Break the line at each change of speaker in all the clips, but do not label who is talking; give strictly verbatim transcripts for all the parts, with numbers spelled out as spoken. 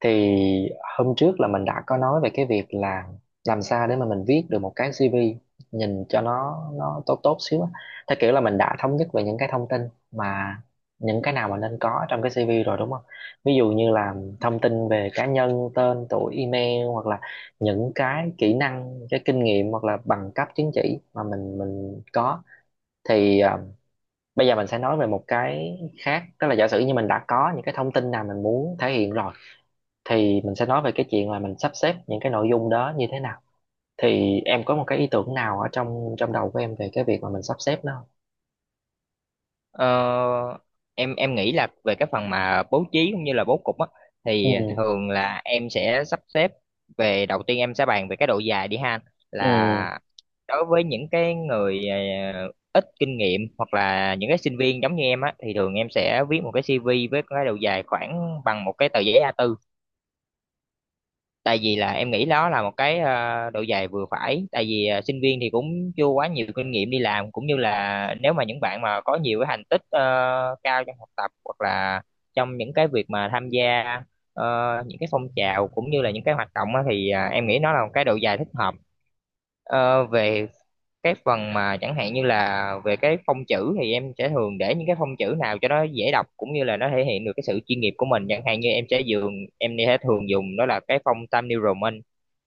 Thì hôm trước là mình đã có nói về cái việc là làm sao để mà mình viết được một cái si vi nhìn cho nó nó tốt tốt xíu á, theo kiểu là mình đã thống nhất về những cái thông tin mà những cái nào mà nên có trong cái si vi rồi đúng không? Ví dụ như là thông tin về cá nhân, tên tuổi, email, hoặc là những cái kỹ năng, cái kinh nghiệm, hoặc là bằng cấp chứng chỉ mà mình mình có. Thì ờ, bây giờ mình sẽ nói về một cái khác, tức là giả sử như mình đã có những cái thông tin nào mình muốn thể hiện rồi thì mình sẽ nói về cái chuyện là mình sắp xếp những cái nội dung đó như thế nào. Thì em có một cái ý tưởng nào ở trong trong đầu của em về cái việc mà mình sắp xếp nó không?
Ờ, em em nghĩ là về cái phần mà bố trí cũng như là bố cục á thì
Ừ,
thường là em sẽ sắp xếp về đầu tiên em sẽ bàn về cái độ dài đi ha,
ừ,
là đối với những cái người ờ, ít kinh nghiệm hoặc là những cái sinh viên giống như em á thì thường em sẽ viết một cái xê vê với cái độ dài khoảng bằng một cái tờ giấy a bốn. Tại vì là em nghĩ đó là một cái ờ, độ dày vừa phải, tại vì ờ, sinh viên thì cũng chưa quá nhiều kinh nghiệm đi làm, cũng như là nếu mà những bạn mà có nhiều cái thành tích ờ, cao trong học tập hoặc là trong những cái việc mà tham gia ờ, những cái phong trào cũng như là những cái hoạt động á, thì ờ, em nghĩ nó là một cái độ dài thích hợp. Ờ, về cái phần mà chẳng hạn như là về cái phông chữ, thì em sẽ thường để những cái phông chữ nào cho nó dễ đọc cũng như là nó thể hiện được cái sự chuyên nghiệp của mình. Chẳng hạn như em sẽ dùng em sẽ thường dùng đó là cái phông Times New Roman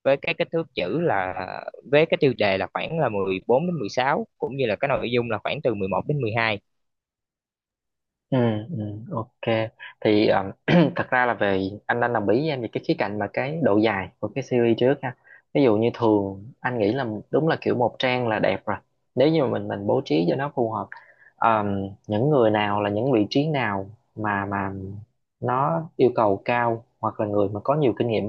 với cái kích thước chữ là, với cái tiêu đề là khoảng là mười bốn đến mười sáu, cũng như là cái nội dung là khoảng từ mười một đến mười hai.
ừ, ừ. Ok. Thì um, thật ra là về anh đang đồng ý với em về cái khía cạnh mà cái độ dài của cái series trước ha. Ví dụ như thường anh nghĩ là đúng là kiểu một trang là đẹp rồi, nếu như mà mình mình bố trí cho nó phù hợp. Um, những người nào, là những vị trí nào mà mà nó yêu cầu cao hoặc là người mà có nhiều kinh nghiệm,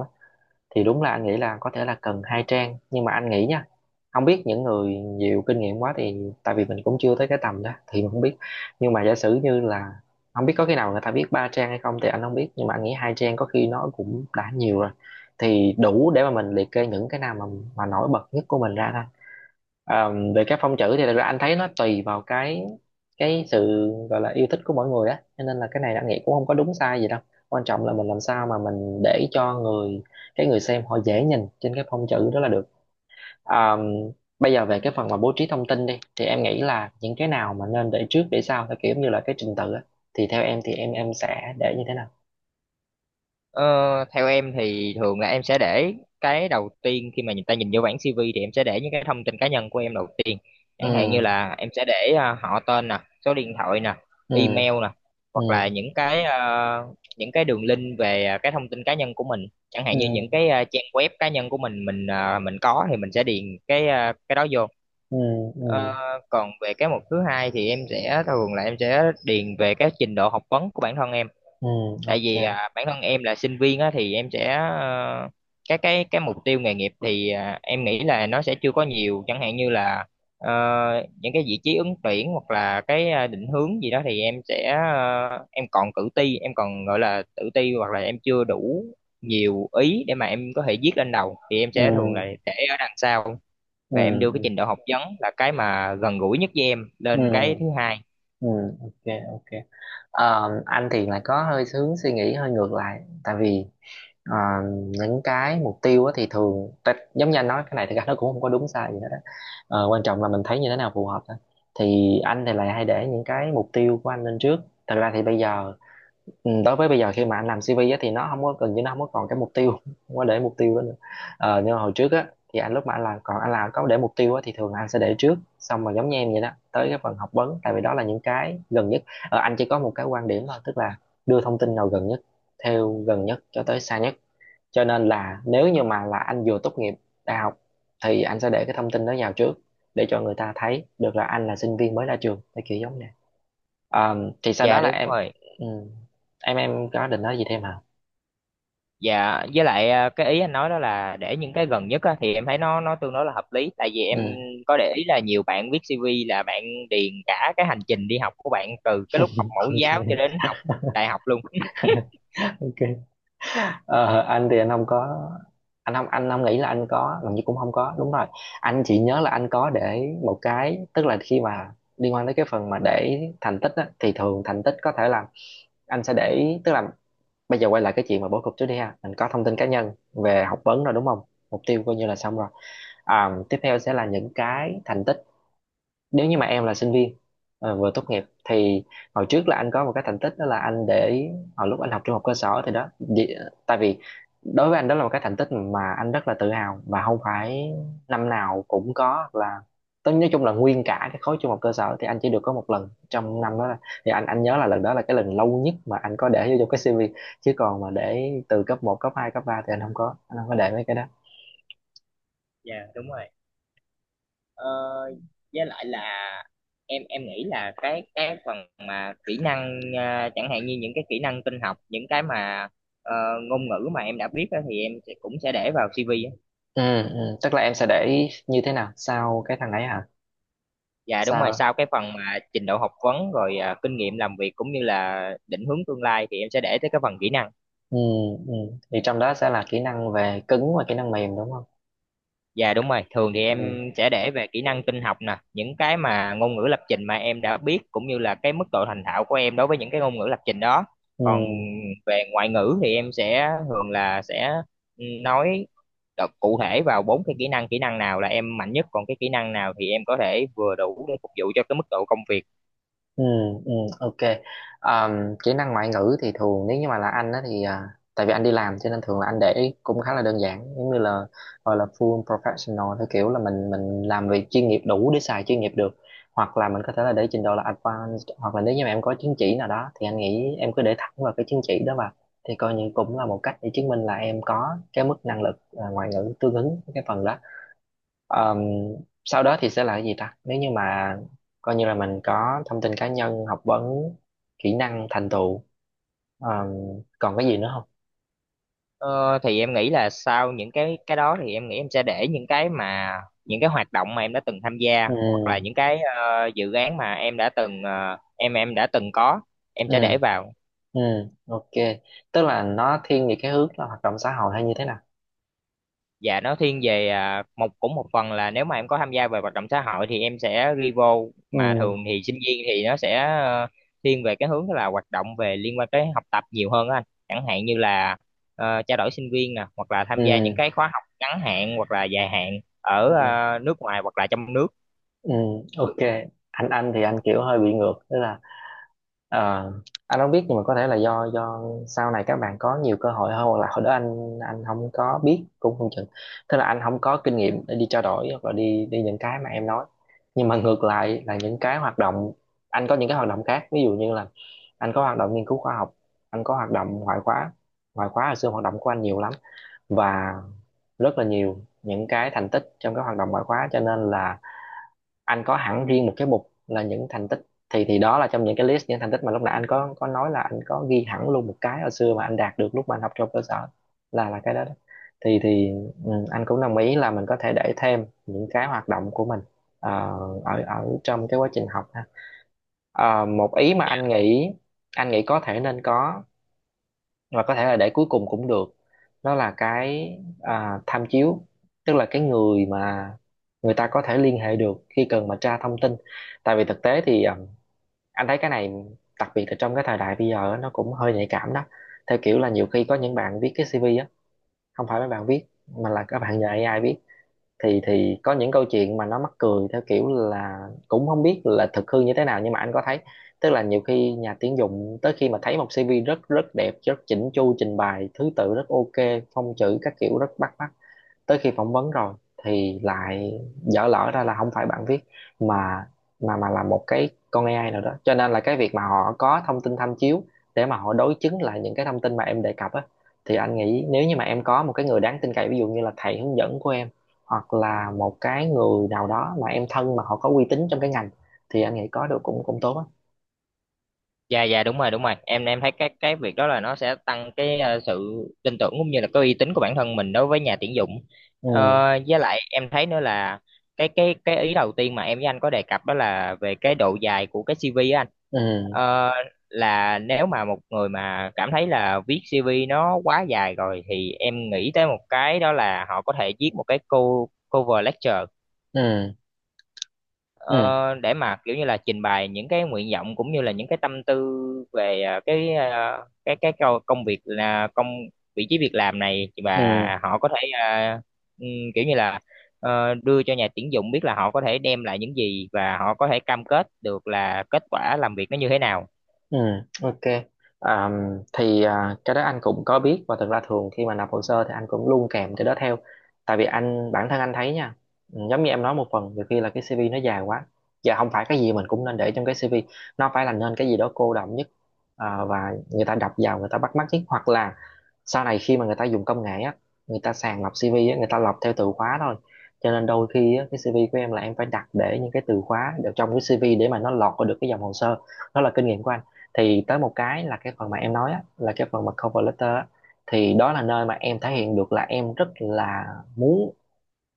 thì đúng là anh nghĩ là có thể là cần hai trang, nhưng mà anh nghĩ nha, không biết những người nhiều kinh nghiệm quá thì, tại vì mình cũng chưa tới cái tầm đó thì mình không biết. Nhưng mà giả sử như là, không biết có khi nào người ta biết ba trang hay không thì anh không biết, nhưng mà anh nghĩ hai trang có khi nó cũng đã nhiều rồi, thì đủ để mà mình liệt kê những cái nào mà mà nổi bật nhất của mình ra thôi. À, về các phong chữ thì thật ra anh thấy nó tùy vào cái cái sự gọi là yêu thích của mỗi người á, cho nên là cái này anh nghĩ cũng không có đúng sai gì đâu, quan trọng là mình làm sao mà mình để cho người cái người xem họ dễ nhìn trên cái phong chữ đó là được. À, bây giờ về cái phần mà bố trí thông tin đi thì em nghĩ là những cái nào mà nên để trước để sau theo kiểu như là cái trình tự á, thì theo em thì em em sẽ để như thế nào?
Ờ, Theo em thì thường là em sẽ để cái đầu tiên khi mà người ta nhìn vô bảng xê vê thì em sẽ để những cái thông tin cá nhân của em đầu tiên. Chẳng hạn như
Ừ,
là em sẽ để à, họ tên nè, số điện thoại nè,
ừ,
email nè,
ừ,
hoặc là những cái à, những cái đường link về à, cái thông tin cá nhân của mình. Chẳng hạn
ừ,
như những cái à, trang web cá nhân của mình mình à, mình có thì mình sẽ điền cái à, cái đó vô.
ừ, ừ,
Ờ, Còn về cái mục thứ hai thì em sẽ thường là em sẽ điền về cái trình độ học vấn của bản thân em,
ừ.
tại
Ok.
vì à, bản thân em là sinh viên á thì em sẽ ờ, cái cái cái mục tiêu nghề nghiệp thì à, em nghĩ là nó sẽ chưa có nhiều, chẳng hạn như là ờ, những cái vị trí ứng tuyển hoặc là cái à, định hướng gì đó thì em sẽ ờ, em còn tự ti em còn gọi là tự ti hoặc là em chưa đủ nhiều ý để mà em có thể viết lên đầu thì em sẽ thường là
Ừ,
để ở đằng sau, và em đưa cái
ừ,
trình độ học vấn là cái mà gần gũi nhất với em
ừ.
lên cái thứ hai.
Ừ, ok, ok. Ờ, anh thì lại có hơi hướng suy nghĩ hơi ngược lại, tại vì ờ, những cái mục tiêu á thì thường ta- giống như anh nói, cái này thì nó cũng không có đúng sai gì hết á. Ờ, quan trọng là mình thấy như thế nào phù hợp thôi, thì anh thì lại hay để những cái mục tiêu của anh lên trước. Thật ra thì bây giờ, ừ, đối với bây giờ khi mà anh làm si vi á, thì nó không có, gần như nó không có còn cái mục tiêu, không có để mục tiêu đó nữa. Ờ, nhưng mà hồi trước á thì anh, lúc mà anh làm, còn anh làm có để mục tiêu á, thì thường là anh sẽ để trước xong rồi giống như em vậy đó, tới cái phần học vấn, tại vì đó là những cái gần nhất. Ờ, anh chỉ có một cái quan điểm thôi, tức là đưa thông tin nào gần nhất, theo gần nhất cho tới xa nhất, cho nên là nếu như mà là anh vừa tốt nghiệp đại học thì anh sẽ để cái thông tin đó vào trước, để cho người ta thấy được là anh là sinh viên mới ra trường thì kiểu giống nè. À, thì sau đó
Dạ
là
đúng
em.
rồi.
Ừ, em em có định nói gì thêm hả?
Dạ, với lại à, cái ý anh nói đó là để những cái gần nhất á, thì em thấy nó nó tương đối là hợp lý. Tại vì em
Ừ.
có để ý là nhiều bạn viết xi vi là bạn điền cả cái hành trình đi học của bạn từ cái lúc học mẫu giáo cho
Ok,
đến học đại học luôn.
ok. Ờ, anh thì anh không có, anh không anh không nghĩ là anh có, gần như cũng không có đúng rồi. Anh chỉ nhớ là anh có để một cái, tức là khi mà liên quan tới cái phần mà để thành tích á, thì thường thành tích có thể là anh sẽ để, tức là bây giờ quay lại cái chuyện mà bố cục trước đi ha, mình có thông tin cá nhân, về học vấn rồi đúng không, mục tiêu coi như là xong rồi. À, tiếp theo sẽ là những cái thành tích, nếu như mà em là sinh viên ờ, vừa tốt nghiệp thì hồi trước là anh có một cái thành tích, đó là anh để hồi lúc anh học trung học cơ sở thì đó vì- tại vì, đối với anh đó là một cái thành tích mà anh rất là tự hào và không phải năm nào cũng có, hoặc là tôi nói chung là nguyên cả cái khối trung học cơ sở thì anh chỉ được có một lần trong năm đó là- thì anh anh nhớ là lần đó là cái lần lâu nhất mà anh có để vô trong cái xê vê. Chứ còn mà để từ cấp một, cấp hai, cấp ba thì anh không có anh không có để mấy cái đó.
Dạ đúng rồi. Ờ, với lại là em em nghĩ là cái cái phần mà kỹ năng, à, chẳng hạn như những cái kỹ năng tin học, những cái mà ờ, ngôn ngữ mà em đã biết á, thì em sẽ, cũng sẽ để vào xê vê á.
Ừ, ừ. Tức là em sẽ để như thế nào sau cái thằng ấy hả?
Dạ đúng rồi,
Sao?
sau cái phần mà trình độ học vấn rồi à, kinh nghiệm làm việc cũng như là định hướng tương lai thì em sẽ để tới cái phần kỹ năng.
Ừ, ừ. Thì trong đó sẽ là kỹ năng về cứng và kỹ năng mềm đúng không?
Dạ đúng rồi, thường thì
Ừ,
em sẽ để về kỹ năng tin học nè, những cái mà ngôn ngữ lập trình mà em đã biết, cũng như là cái mức độ thành thạo của em đối với những cái ngôn ngữ lập trình đó.
ừ,
Còn về ngoại ngữ thì em sẽ thường là sẽ nói, đọc cụ thể vào bốn cái kỹ năng, kỹ năng nào là em mạnh nhất, còn cái kỹ năng nào thì em có thể vừa đủ để phục vụ cho cái mức độ công việc.
ừ, ừ. Ok. Ờm, kỹ năng ngoại ngữ thì thường, nếu như mà là anh á thì à, tại vì anh đi làm cho nên thường là anh để ý cũng khá là đơn giản, giống như là gọi là full professional, theo kiểu là mình mình làm việc chuyên nghiệp, đủ để xài chuyên nghiệp được. Hoặc là mình có thể là để trình độ là advanced, hoặc là nếu như mà em có chứng chỉ nào đó thì anh nghĩ em cứ để thẳng vào cái chứng chỉ đó vào, thì coi như cũng là một cách để chứng minh là em có cái mức năng lực à, ngoại ngữ tương ứng với cái phần đó. Ờm, Sau đó thì sẽ là cái gì ta, nếu như mà coi như là mình có thông tin cá nhân, học vấn, kỹ năng, thành tựu, ờm, còn cái gì nữa không?
Ờ, thì em nghĩ là sau những cái cái đó thì em nghĩ em sẽ để những cái mà những cái hoạt động mà em đã từng tham gia,
Ừ,
hoặc là những cái ờ, dự án mà em đã từng ờ, em em đã từng có, em
ừ,
sẽ để vào.
ừ. Ok. Tức là nó thiên về cái hướng là hoạt động xã hội hay như thế nào?
Dạ nó thiên về à, một, cũng một phần là nếu mà em có tham gia về hoạt động xã hội thì em sẽ ghi vô,
Ừ,
mà thường thì sinh viên thì nó sẽ ờ, thiên về cái hướng là hoạt động về liên quan tới học tập nhiều hơn á anh. Chẳng hạn như là ờ, trao đổi sinh viên nè, hoặc là
ừ,
tham gia những cái khóa học ngắn hạn hoặc là dài hạn ở
ừ,
ờ, nước ngoài hoặc là trong nước.
ừ. Ok. Anh anh thì anh kiểu hơi bị ngược, tức là Ờ, anh không biết nhưng mà có thể là do do sau này các bạn có nhiều cơ hội hơn, hoặc là hồi đó anh anh không có biết cũng không chừng. Tức là anh không có kinh nghiệm để đi trao đổi, hoặc là đi đi những cái mà em nói. Nhưng mà ngược lại là những cái hoạt động, anh có những cái hoạt động khác, ví dụ như là anh có hoạt động nghiên cứu khoa học, anh có hoạt động ngoại khóa. Ngoại khóa là xưa hoạt động của anh nhiều lắm, và rất là nhiều những cái thành tích trong các hoạt động ngoại khóa, cho nên là anh có hẳn riêng một cái mục là những thành tích. Thì thì đó là trong những cái list những thành tích mà lúc nãy anh có có nói là anh có ghi hẳn luôn một cái hồi xưa mà anh đạt được, lúc mà anh học trong cơ sở là là cái đó, đó. thì thì ừ, anh cũng đồng ý là mình có thể để thêm những cái hoạt động của mình ờ, ở ở trong cái quá trình học ha. Ờ, một ý mà anh nghĩ, anh nghĩ có thể nên có, và có thể là để cuối cùng cũng được, đó là cái à, tham chiếu. Tức là cái người mà người ta có thể liên hệ được khi cần mà tra thông tin, tại vì thực tế thì à, anh thấy cái này, đặc biệt là trong cái thời đại bây giờ á, nó cũng hơi nhạy cảm đó. Theo kiểu là nhiều khi có những bạn viết cái si vi á, không phải mấy bạn viết mà là các bạn nhờ a i viết. Thì thì có những câu chuyện mà nó mắc cười, theo kiểu là cũng không biết là thực hư như thế nào, nhưng mà anh có thấy. Tức là nhiều khi nhà tuyển dụng tới khi mà thấy một xê vê rất rất đẹp, rất chỉnh chu, trình bày thứ tự rất ok, phông chữ các kiểu rất bắt mắt, tới khi phỏng vấn rồi thì lại dở lỡ ra là không phải bạn viết, mà mà mà là một cái con a i nào đó. Cho nên là cái việc mà họ có thông tin tham chiếu để mà họ đối chứng lại những cái thông tin mà em đề cập á, thì anh nghĩ nếu như mà em có một cái người đáng tin cậy, ví dụ như là thầy hướng dẫn của em, hoặc là một cái người nào đó mà em thân mà họ có uy tín trong cái ngành, thì anh nghĩ có được cũng cũng tốt á.
Dạ dạ đúng rồi, đúng rồi, em em thấy cái cái việc đó là nó sẽ tăng cái ờ, sự tin tưởng cũng như là cái uy tín của bản thân mình đối với nhà tuyển dụng. Ờ,
Ừ,
với lại em thấy nữa là cái cái cái ý đầu tiên mà em với anh có đề cập đó là về cái độ dài của cái xi vi á anh.
ừ,
Ờ, là nếu mà một người mà cảm thấy là viết xi vi nó quá dài rồi thì em nghĩ tới một cái đó là họ có thể viết một cái cô cover letter.
ừ, ừ,
Ờ, để mà kiểu như là trình bày những cái nguyện vọng cũng như là những cái tâm tư về à, cái à, cái cái câu- công việc là công vị trí việc làm này, và
ừ.
họ có thể à, ừm, kiểu như là ờ, đưa cho nhà tuyển dụng biết là họ có thể đem lại những gì và họ có thể cam kết được là kết quả làm việc nó như thế nào.
Ừ, ok. À, thì à, cái đó anh cũng có biết, và thực ra thường khi mà nộp hồ sơ thì anh cũng luôn kèm cái đó theo. Tại vì anh bản thân anh thấy nha, ừ, giống như em nói một phần, nhiều khi là cái si vi nó dài quá. Và không phải cái gì mình cũng nên để trong cái si vi, nó phải là nên cái gì đó cô đọng nhất, à, và người ta đọc vào người ta bắt mắt nhất, hoặc là sau này khi mà người ta dùng công nghệ á, người ta sàng lọc xê vê á, người ta lọc theo từ khóa thôi. Cho nên đôi khi á, cái xê vê của em là em phải đặt để những cái từ khóa ở trong cái xê vê để mà nó lọt vào được cái dòng hồ sơ. Đó là kinh nghiệm của anh. Thì tới một cái là cái phần mà em nói á, là cái phần mà cover letter á, thì đó là nơi mà em thể hiện được là em rất là muốn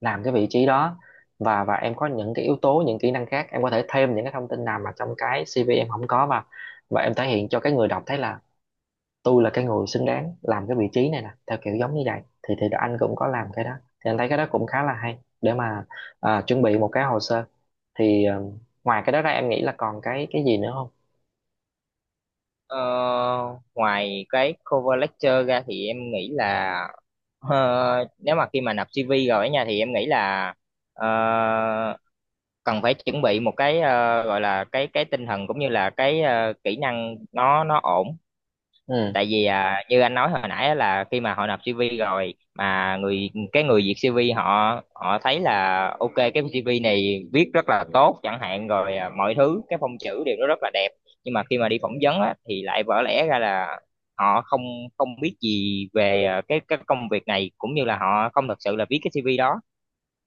làm cái vị trí đó. Và và em có những cái yếu tố, những kỹ năng khác em có thể thêm những cái thông tin nào mà trong cái si vi em không có, và và em thể hiện cho cái người đọc thấy là tôi là cái người xứng đáng làm cái vị trí này nè, theo kiểu giống như vậy, thì thì anh cũng có làm cái đó. Thì anh thấy cái đó cũng khá là hay để mà à, chuẩn bị một cái hồ sơ. Thì ờ, ngoài cái đó ra em nghĩ là còn cái cái gì nữa không?
Ờ, Ngoài cái cover letter ra thì em nghĩ là ờ, nếu mà khi mà nộp xê vê rồi ở nhà thì em nghĩ là ờ, cần phải chuẩn bị một cái ờ, gọi là cái cái tinh thần, cũng như là cái ờ, kỹ năng nó nó ổn.
Ừ,
Tại vì à, như anh nói hồi nãy á, là khi mà họ nộp xi vi rồi mà người cái người duyệt xi vi họ họ thấy là ok, cái xi vi này viết rất là tốt chẳng hạn, rồi à, mọi thứ, cái phông chữ đều nó rất là đẹp, nhưng mà khi mà đi phỏng vấn á, thì lại vỡ lẽ ra là họ không không biết gì về à, cái cái công việc này, cũng như là họ không thật sự là viết cái xi vi đó.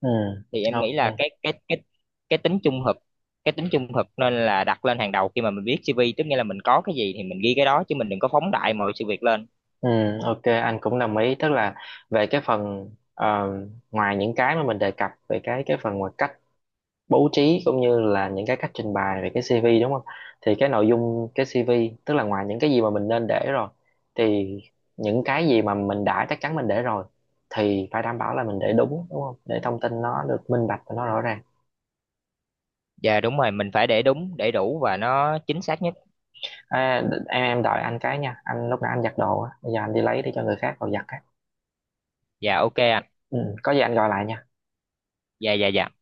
ừ.
Thì em nghĩ
Ok.
là cái cái cái cái tính trung thực, cái tính trung thực nên là đặt lên hàng đầu khi mà mình viết xê vê, tức nghĩa là mình có cái gì thì mình ghi cái đó, chứ mình đừng có phóng đại mọi sự việc lên.
Ừ, ok anh cũng đồng ý, tức là về cái phần ờ, ngoài những cái mà mình đề cập về cái cái phần, ngoài cách bố trí cũng như là những cái cách trình bày về cái si vi đúng không, thì cái nội dung cái si vi tức là ngoài những cái gì mà mình nên để rồi, thì những cái gì mà mình đã chắc chắn mình để rồi thì phải đảm bảo là mình để đúng, đúng không, để thông tin nó được minh bạch và nó rõ ràng.
Dạ đúng rồi, mình phải để đúng, để đủ, và nó chính xác nhất.
à, em em đợi anh cái nha, anh lúc nãy anh giặt đồ á, bây giờ anh đi lấy để cho người khác vào giặt á.
Dạ, ok anh.
Ừ, có gì anh gọi lại nha.
Dạ dạ dạ